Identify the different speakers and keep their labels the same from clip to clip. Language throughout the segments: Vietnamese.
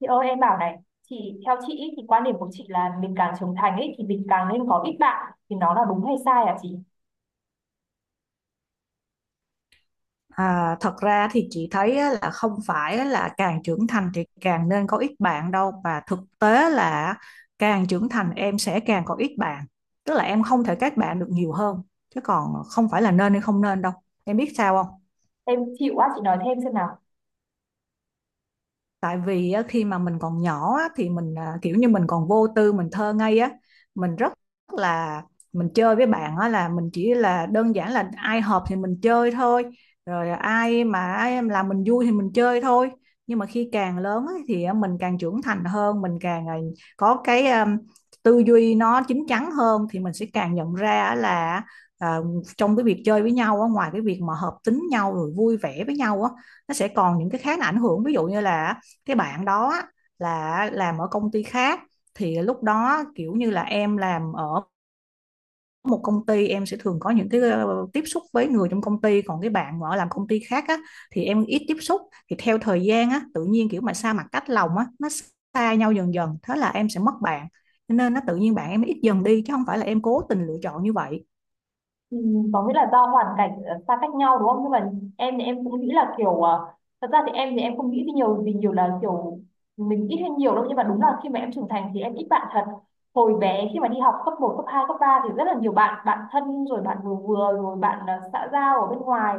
Speaker 1: Chị ơi em bảo này, chị theo chị ý, thì quan điểm của chị là mình càng trưởng thành ấy thì mình càng nên có ít bạn thì nó là đúng hay sai hả chị?
Speaker 2: À, thật ra thì chị thấy á, là không phải là càng trưởng thành thì càng nên có ít bạn đâu, và thực tế là càng trưởng thành em sẽ càng có ít bạn, tức là em không thể kết bạn được nhiều hơn, chứ còn không phải là nên hay không nên đâu. Em biết sao không?
Speaker 1: Em chịu quá chị nói thêm xem nào.
Speaker 2: Tại vì á, khi mà mình còn nhỏ á, thì mình à, kiểu như mình còn vô tư, mình thơ ngây á, mình rất là mình chơi với bạn á là mình chỉ là đơn giản là ai hợp thì mình chơi thôi. Rồi ai em làm mình vui thì mình chơi thôi. Nhưng mà khi càng lớn á, thì á, mình càng trưởng thành hơn, mình càng có cái tư duy nó chín chắn hơn, thì mình sẽ càng nhận ra á là à, trong cái việc chơi với nhau á, ngoài cái việc mà hợp tính nhau rồi vui vẻ với nhau á, nó sẽ còn những cái khác là ảnh hưởng, ví dụ như là cái bạn đó là làm ở công ty khác, thì lúc đó kiểu như là em làm ở một công ty, em sẽ thường có những cái tiếp xúc với người trong công ty, còn cái bạn mà ở làm công ty khác á, thì em ít tiếp xúc. Thì theo thời gian á, tự nhiên kiểu mà xa mặt cách lòng á, nó xa nhau dần dần, thế là em sẽ mất bạn. Cho nên nó tự nhiên bạn em ít dần đi, chứ không phải là em cố tình lựa chọn như vậy.
Speaker 1: Ừ, có nghĩa là do hoàn cảnh xa cách nhau đúng không? Nhưng mà em thì em cũng nghĩ là kiểu thật ra thì em không nghĩ thì nhiều vì nhiều là kiểu mình ít hay nhiều đâu nhưng mà đúng là khi mà em trưởng thành thì em ít bạn thật. Hồi bé khi mà đi học cấp một cấp 2 cấp 3 thì rất là nhiều bạn, bạn thân rồi bạn vừa vừa rồi bạn xã giao ở bên ngoài.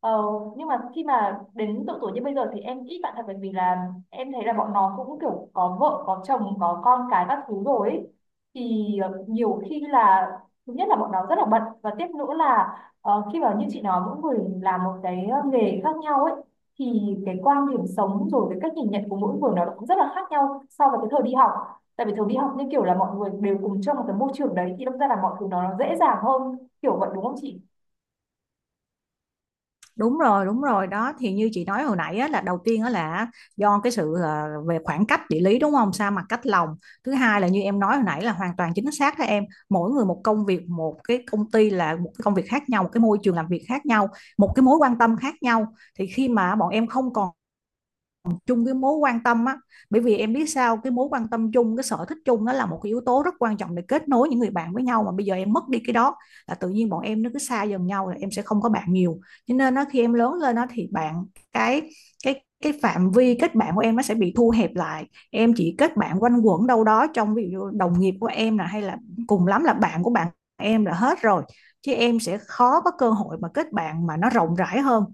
Speaker 1: Ờ, nhưng mà khi mà đến độ tuổi như bây giờ thì em ít bạn thật bởi vì là em thấy là bọn nó cũng kiểu có vợ, có chồng, có con cái các thứ rồi ấy. Thì nhiều khi là thứ nhất là bọn nó rất là bận và tiếp nữa là ờ, khi mà như chị nói mỗi người làm một cái nghề khác nhau ấy, thì cái quan điểm sống rồi cái cách nhìn nhận của mỗi người nó cũng rất là khác nhau so với cái thời đi học. Tại vì thời đi học như kiểu là mọi người đều cùng trong một cái môi trường đấy thì đâm ra là mọi thứ nó dễ dàng hơn kiểu vậy đúng không chị?
Speaker 2: Đúng rồi đúng rồi đó, thì như chị nói hồi nãy á, là đầu tiên á, là do cái sự về khoảng cách địa lý, đúng không, sa mặt cách lòng. Thứ hai là như em nói hồi nãy là hoàn toàn chính xác đó em, mỗi người một công việc, một cái công ty là một cái công việc khác nhau, một cái môi trường làm việc khác nhau, một cái mối quan tâm khác nhau. Thì khi mà bọn em không còn chung cái mối quan tâm á, bởi vì em biết sao, cái mối quan tâm chung, cái sở thích chung nó là một cái yếu tố rất quan trọng để kết nối những người bạn với nhau, mà bây giờ em mất đi cái đó, là tự nhiên bọn em nó cứ xa dần nhau, là em sẽ không có bạn nhiều. Cho nên nó khi em lớn lên nó thì bạn, cái cái phạm vi kết bạn của em nó sẽ bị thu hẹp lại. Em chỉ kết bạn quanh quẩn đâu đó trong ví dụ đồng nghiệp của em là, hay là cùng lắm là bạn của bạn em là hết rồi, chứ em sẽ khó có cơ hội mà kết bạn mà nó rộng rãi hơn.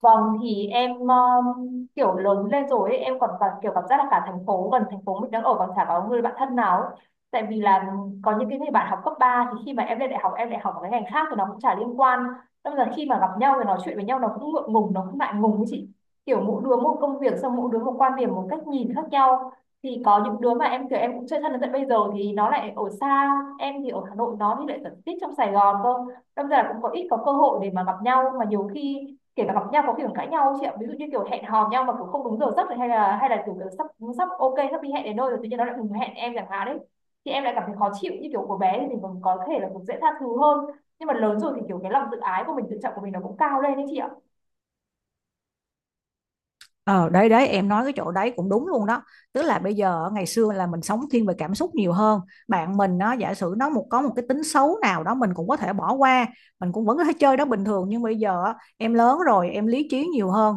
Speaker 1: Vâng, thì em kiểu lớn lên rồi ấy, em còn cảm, kiểu cảm giác là cả thành phố gần thành phố mình đang ở còn chả có người bạn thân nào ấy. Tại vì là có những cái người bạn học cấp 3 thì khi mà em lên đại học em lại học ở cái ngành khác thì nó cũng chả liên quan. Đâm là khi mà gặp nhau thì nói chuyện với nhau nó cũng ngượng ngùng, nó cũng ngại ngùng ấy chị. Kiểu mỗi đứa một công việc xong mỗi đứa một quan điểm, một cách nhìn khác nhau. Thì có những đứa mà em kiểu em cũng chơi thân đến tận bây giờ thì nó lại ở xa, em thì ở Hà Nội nó thì lại ở tít trong Sài Gòn cơ. Đâm ra là cũng có ít có cơ hội để mà gặp nhau mà nhiều khi kể cả gặp nhau có kiểu cãi nhau chị ạ, ví dụ như kiểu hẹn hò nhau mà kiểu không đúng giờ giấc này hay là kiểu, kiểu sắp sắp ok sắp đi hẹn đến nơi rồi tự nhiên nó lại ngừng hẹn em chẳng hạn đấy, thì em lại cảm thấy khó chịu như kiểu của bé thì mình còn có thể là cũng dễ tha thứ hơn, nhưng mà lớn rồi thì kiểu cái lòng tự ái của mình tự trọng của mình nó cũng cao lên đấy chị ạ.
Speaker 2: Ờ đấy đấy, em nói cái chỗ đấy cũng đúng luôn đó, tức là bây giờ ngày xưa là mình sống thiên về cảm xúc nhiều hơn, bạn mình nó giả sử nó một có một cái tính xấu nào đó mình cũng có thể bỏ qua, mình cũng vẫn có thể chơi đó bình thường. Nhưng bây giờ á, em lớn rồi em lý trí nhiều hơn,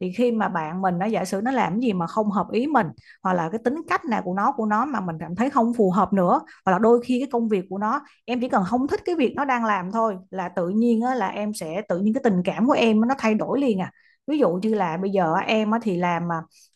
Speaker 2: thì khi mà bạn mình nó giả sử nó làm gì mà không hợp ý mình, hoặc là cái tính cách nào của nó mà mình cảm thấy không phù hợp nữa, hoặc là đôi khi cái công việc của nó, em chỉ cần không thích cái việc nó đang làm thôi là tự nhiên á, là em sẽ tự nhiên cái tình cảm của em nó thay đổi liền à. Ví dụ như là bây giờ em á thì làm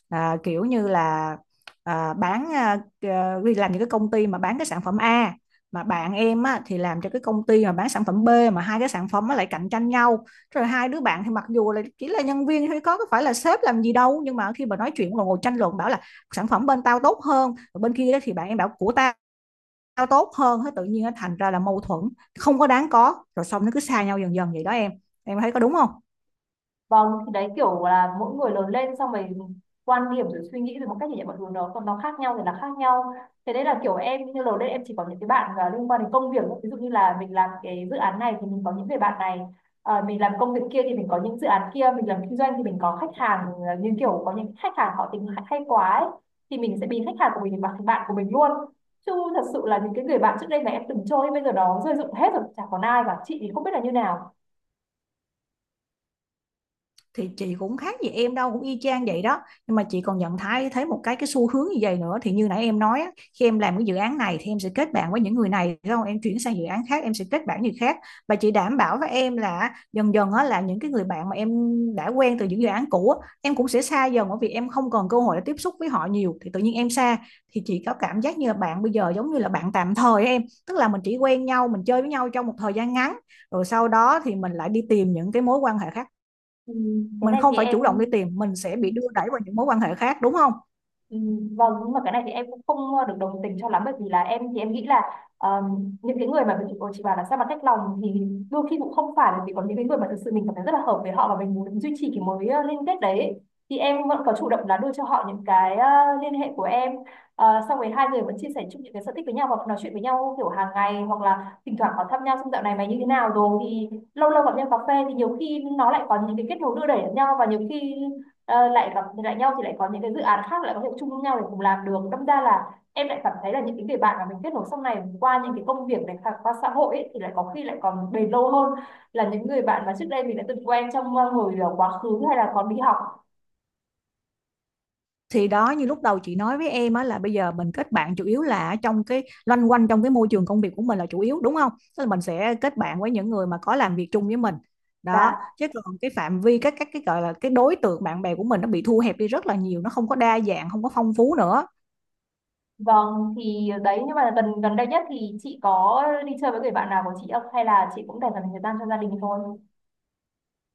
Speaker 2: kiểu như là bán đi làm những cái công ty mà bán cái sản phẩm A, mà bạn em á, thì làm cho cái công ty mà bán sản phẩm B, mà hai cái sản phẩm nó lại cạnh tranh nhau. Rồi hai đứa bạn thì mặc dù là chỉ là nhân viên thôi, có phải là sếp làm gì đâu, nhưng mà khi mà nói chuyện ngồi ngồi tranh luận, bảo là sản phẩm bên tao tốt hơn, rồi bên kia thì bạn em bảo của tao, tao tốt hơn, thế tự nhiên nó thành ra là mâu thuẫn không có đáng có. Rồi xong nó cứ xa nhau dần dần vậy đó em. Em thấy có đúng không?
Speaker 1: Vâng, thì đấy kiểu là mỗi người lớn lên xong rồi quan điểm rồi suy nghĩ rồi một cách nhìn nhận mọi thứ nó còn nó khác nhau thì là khác nhau. Thế đấy là kiểu em như lớn lên em chỉ có những cái bạn liên quan đến công việc ví dụ như là mình làm cái dự án này thì mình có những người bạn này. Ờ, mình làm công việc kia thì mình có những dự án kia, mình làm kinh doanh thì mình có khách hàng, như kiểu có những khách hàng họ tính hay hay quá ấy, thì mình sẽ biến khách hàng của mình thành bạn của mình luôn, chứ thật sự là những cái người bạn trước đây mà em từng chơi bây giờ nó rơi rụng hết rồi chả còn ai cả chị thì không biết là như nào.
Speaker 2: Thì chị cũng khác gì em đâu, cũng y chang vậy đó. Nhưng mà chị còn nhận thấy thấy một cái xu hướng như vậy nữa, thì như nãy em nói á, khi em làm cái dự án này thì em sẽ kết bạn với những người này, đúng không, em chuyển sang dự án khác em sẽ kết bạn người khác. Và chị đảm bảo với em là dần dần á, là những cái người bạn mà em đã quen từ những dự án cũ á, em cũng sẽ xa dần, bởi vì em không còn cơ hội để tiếp xúc với họ nhiều thì tự nhiên em xa. Thì chị có cảm giác như là bạn bây giờ giống như là bạn tạm thời em, tức là mình chỉ quen nhau mình chơi với nhau trong một thời gian ngắn, rồi sau đó thì mình lại đi tìm những cái mối quan hệ khác.
Speaker 1: Ừ, cái
Speaker 2: Mình
Speaker 1: này thì
Speaker 2: không phải
Speaker 1: em
Speaker 2: chủ động đi tìm, mình sẽ bị đưa đẩy vào những mối quan hệ khác, đúng không?
Speaker 1: ừ, vâng, nhưng mà cái này thì em cũng không được đồng tình cho lắm bởi vì là em thì em nghĩ là ờ, những cái người mà mình chị bảo là sao mà cách lòng thì đôi khi cũng không phải bởi vì có những cái người mà thực sự mình cảm thấy rất là hợp với họ và mình muốn duy trì cái mối liên kết đấy, thì em vẫn có chủ động là đưa cho họ những cái liên hệ của em. Ờ, xong rồi hai người vẫn chia sẻ chung những cái sở thích với nhau hoặc nói chuyện với nhau kiểu hàng ngày hoặc là thỉnh thoảng có thăm nhau xong dạo này mày như thế nào rồi thì lâu lâu gặp nhau cà phê thì nhiều khi nó lại có những cái kết nối đưa đẩy lẫn nhau và nhiều khi lại gặp lại nhau thì lại có những cái dự án khác lại có thể chung với nhau để cùng làm được, đâm ra là em lại cảm thấy là những cái người bạn mà mình kết nối sau này qua những cái công việc này hoặc qua xã hội ấy, thì lại có khi lại còn bền lâu hơn là những người bạn mà trước đây mình đã từng quen trong hồi quá khứ hay là còn đi học.
Speaker 2: Thì đó như lúc đầu chị nói với em á, là bây giờ mình kết bạn chủ yếu là trong cái loanh quanh trong cái môi trường công việc của mình là chủ yếu, đúng không? Tức là mình sẽ kết bạn với những người mà có làm việc chung với mình đó,
Speaker 1: Dạ
Speaker 2: chứ còn cái phạm vi các cái gọi là cái đối tượng bạn bè của mình nó bị thu hẹp đi rất là nhiều, nó không có đa dạng không có phong phú nữa.
Speaker 1: vâng, thì đấy nhưng mà gần gần đây nhất thì chị có đi chơi với người bạn nào của chị không hay là chị cũng dành toàn thời gian cho gia đình thôi?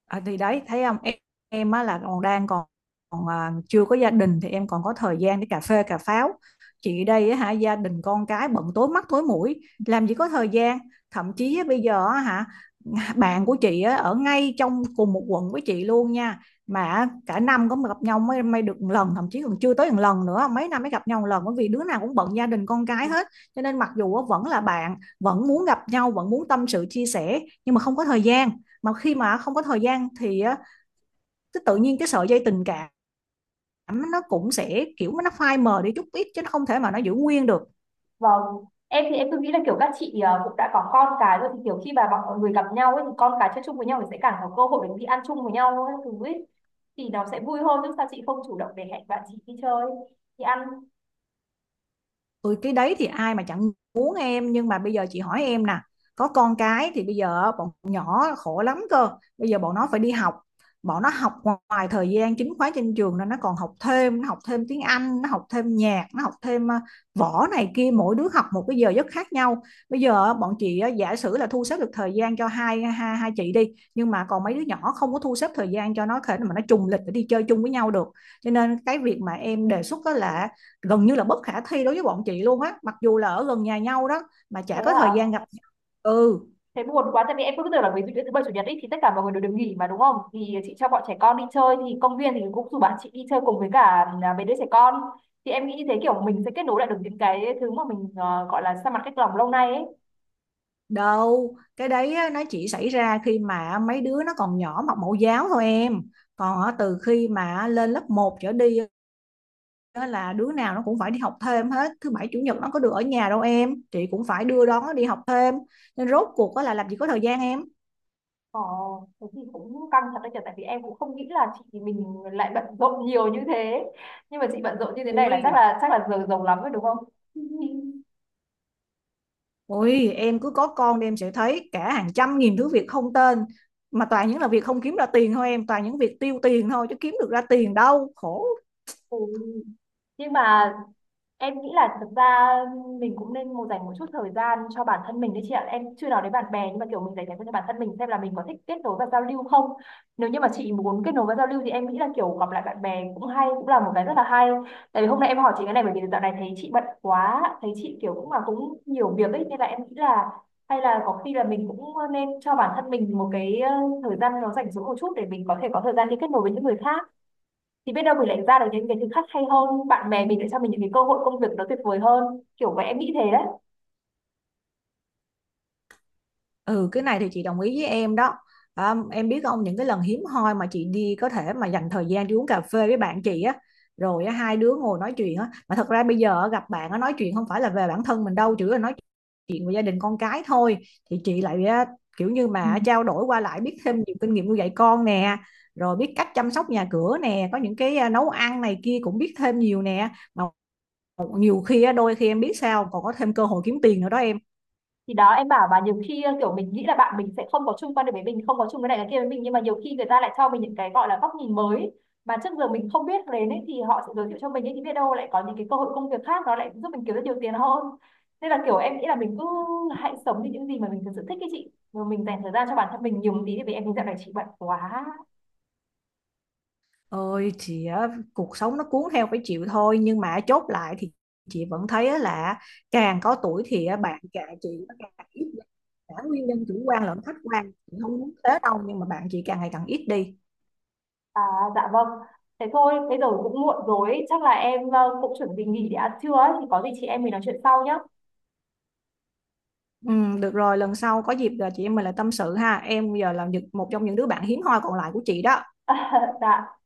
Speaker 2: À, thì đấy thấy không em, em á là còn chưa có gia đình thì em còn có thời gian để cà phê cà pháo. Chị đây á hả, gia đình con cái bận tối mắt tối mũi, làm gì có thời gian. Thậm chí á, bây giờ á hả, bạn của chị á, ở ngay trong cùng một quận với chị luôn nha, mà cả năm có mà gặp nhau mới mới được một lần, thậm chí còn chưa tới một lần nữa, mấy năm mới gặp nhau một lần, bởi vì đứa nào cũng bận gia đình con cái hết. Cho nên mặc dù á, vẫn là bạn, vẫn muốn gặp nhau, vẫn muốn tâm sự chia sẻ, nhưng mà không có thời gian. Mà khi mà không có thời gian thì cái tự nhiên cái sợi dây tình cảm nó cũng sẽ kiểu nó phai mờ đi chút ít, chứ nó không thể mà nó giữ nguyên được.
Speaker 1: Vâng, em thì em cứ nghĩ là kiểu các chị cũng đã có con cái rồi thì kiểu khi mà mọi người gặp nhau ấy thì con cái chơi chung với nhau thì sẽ càng có cơ hội để đi ăn chung với nhau ấy, thứ ấy. Thì nó sẽ vui hơn chứ sao chị không chủ động để hẹn bạn chị đi chơi, đi ăn.
Speaker 2: Ôi cái đấy thì ai mà chẳng muốn em, nhưng mà bây giờ chị hỏi em nè, có con cái thì bây giờ bọn nhỏ khổ lắm cơ. Bây giờ bọn nó phải đi học, bọn nó học ngoài thời gian chính khóa trên trường nên nó còn học thêm, nó học thêm tiếng Anh, nó học thêm nhạc, nó học thêm võ này kia, mỗi đứa học một cái giờ giấc khác nhau. Bây giờ bọn chị giả sử là thu xếp được thời gian cho hai, hai hai chị đi, nhưng mà còn mấy đứa nhỏ không có thu xếp thời gian cho nó thể mà nó trùng lịch để đi chơi chung với nhau được. Cho nên cái việc mà em đề xuất đó là gần như là bất khả thi đối với bọn chị luôn á, mặc dù là ở gần nhà nhau đó mà
Speaker 1: Thế
Speaker 2: chả có thời gian
Speaker 1: à,
Speaker 2: gặp nhau. Ừ.
Speaker 1: thế buồn quá tại vì em cứ tưởng là ví dụ như thứ bảy chủ nhật ấy thì tất cả mọi người đều được nghỉ mà đúng không? Thì chị cho bọn trẻ con đi chơi thì công viên thì cũng rủ bạn chị đi chơi cùng với cả à, mấy đứa trẻ con. Thì em nghĩ như thế kiểu mình sẽ kết nối lại được những cái thứ mà mình ờ, gọi là xa mặt cách lòng lâu nay ấy.
Speaker 2: Đâu cái đấy á, nó chỉ xảy ra khi mà mấy đứa nó còn nhỏ học mẫu giáo thôi em. Còn á, từ khi mà lên lớp một trở đi á, là đứa nào nó cũng phải đi học thêm hết. Thứ bảy chủ nhật nó có được ở nhà đâu em, chị cũng phải đưa đón nó đi học thêm. Nên rốt cuộc á là làm gì có thời gian em.
Speaker 1: Ờ, thế thì cũng căng thật đấy nhỉ, tại vì em cũng không nghĩ là chị mình lại bận rộn nhiều như thế. Nhưng mà chị bận rộn như thế này là chắc
Speaker 2: Ui.
Speaker 1: là chắc là giờ giàu lắm rồi đúng không?
Speaker 2: Ôi, em cứ có con đi em sẽ thấy cả hàng trăm nghìn thứ việc không tên, mà toàn những là việc không kiếm ra tiền thôi em, toàn những việc tiêu tiền thôi chứ kiếm được ra tiền đâu, khổ.
Speaker 1: Ừ. Nhưng mà em nghĩ là thực ra mình cũng nên một dành một chút thời gian cho bản thân mình đấy chị ạ. Em chưa nói đến bạn bè nhưng mà kiểu mình dành thời gian cho bản thân mình xem là mình có thích kết nối và giao lưu không. Nếu như mà chị muốn kết nối và giao lưu thì em nghĩ là kiểu gặp lại bạn bè cũng hay, cũng là một cái rất là hay. Tại vì hôm nay em hỏi chị cái này bởi vì dạo này thấy chị bận quá, thấy chị kiểu cũng là cũng nhiều việc ấy nên là em nghĩ là hay là có khi là mình cũng nên cho bản thân mình một cái thời gian nó rảnh rỗi một chút để mình có thể có thời gian đi kết nối với những người khác, thì biết đâu mình lại ra được những cái thứ khác hay hơn, bạn bè mình lại cho mình những cái cơ hội công việc nó tuyệt vời hơn, kiểu vậy em nghĩ thế đấy.
Speaker 2: Ừ cái này thì chị đồng ý với em đó. À, em biết không, những cái lần hiếm hoi mà chị đi có thể mà dành thời gian đi uống cà phê với bạn chị á, rồi á, hai đứa ngồi nói chuyện á, mà thật ra bây giờ á, gặp bạn á, nói chuyện không phải là về bản thân mình đâu, chỉ là nói chuyện về gia đình con cái thôi. Thì chị lại á, kiểu như
Speaker 1: Ừ,
Speaker 2: mà trao đổi qua lại biết thêm nhiều kinh nghiệm nuôi dạy con nè, rồi biết cách chăm sóc nhà cửa nè, có những cái nấu ăn này kia cũng biết thêm nhiều nè. Mà nhiều khi á, đôi khi em biết sao, còn có thêm cơ hội kiếm tiền nữa đó em.
Speaker 1: thì đó em bảo và nhiều khi kiểu mình nghĩ là bạn mình sẽ không có chung quan điểm với mình không có chung cái này cái kia với mình nhưng mà nhiều khi người ta lại cho mình những cái gọi là góc nhìn mới mà trước giờ mình không biết đến ấy, thì họ sẽ giới thiệu cho mình ấy, thì biết đâu lại có những cái cơ hội công việc khác nó lại giúp mình kiếm được nhiều tiền hơn, nên là kiểu em nghĩ là mình cứ hãy sống như những gì mà mình thực sự thích cái chị rồi mình dành thời gian cho bản thân mình nhiều một tí vì em thấy dạo này chị bận quá.
Speaker 2: Ôi chị á, cuộc sống nó cuốn theo phải chịu thôi, nhưng mà chốt lại thì chị vẫn thấy á là càng có tuổi thì á, bạn cả chị nó càng ít đi. Cả nguyên nhân chủ quan lẫn khách quan, chị không muốn thế đâu, nhưng mà bạn chị càng ngày càng ít đi.
Speaker 1: À, dạ vâng. Thế thôi, bây giờ cũng muộn rồi, chắc là em cũng chuẩn bị nghỉ để ăn trưa ấy, thì có gì chị em mình nói chuyện sau nhé.
Speaker 2: Ừ, được rồi, lần sau có dịp là chị em mình lại tâm sự ha em, giờ là một trong những đứa bạn hiếm hoi còn lại của chị đó.
Speaker 1: Dạ.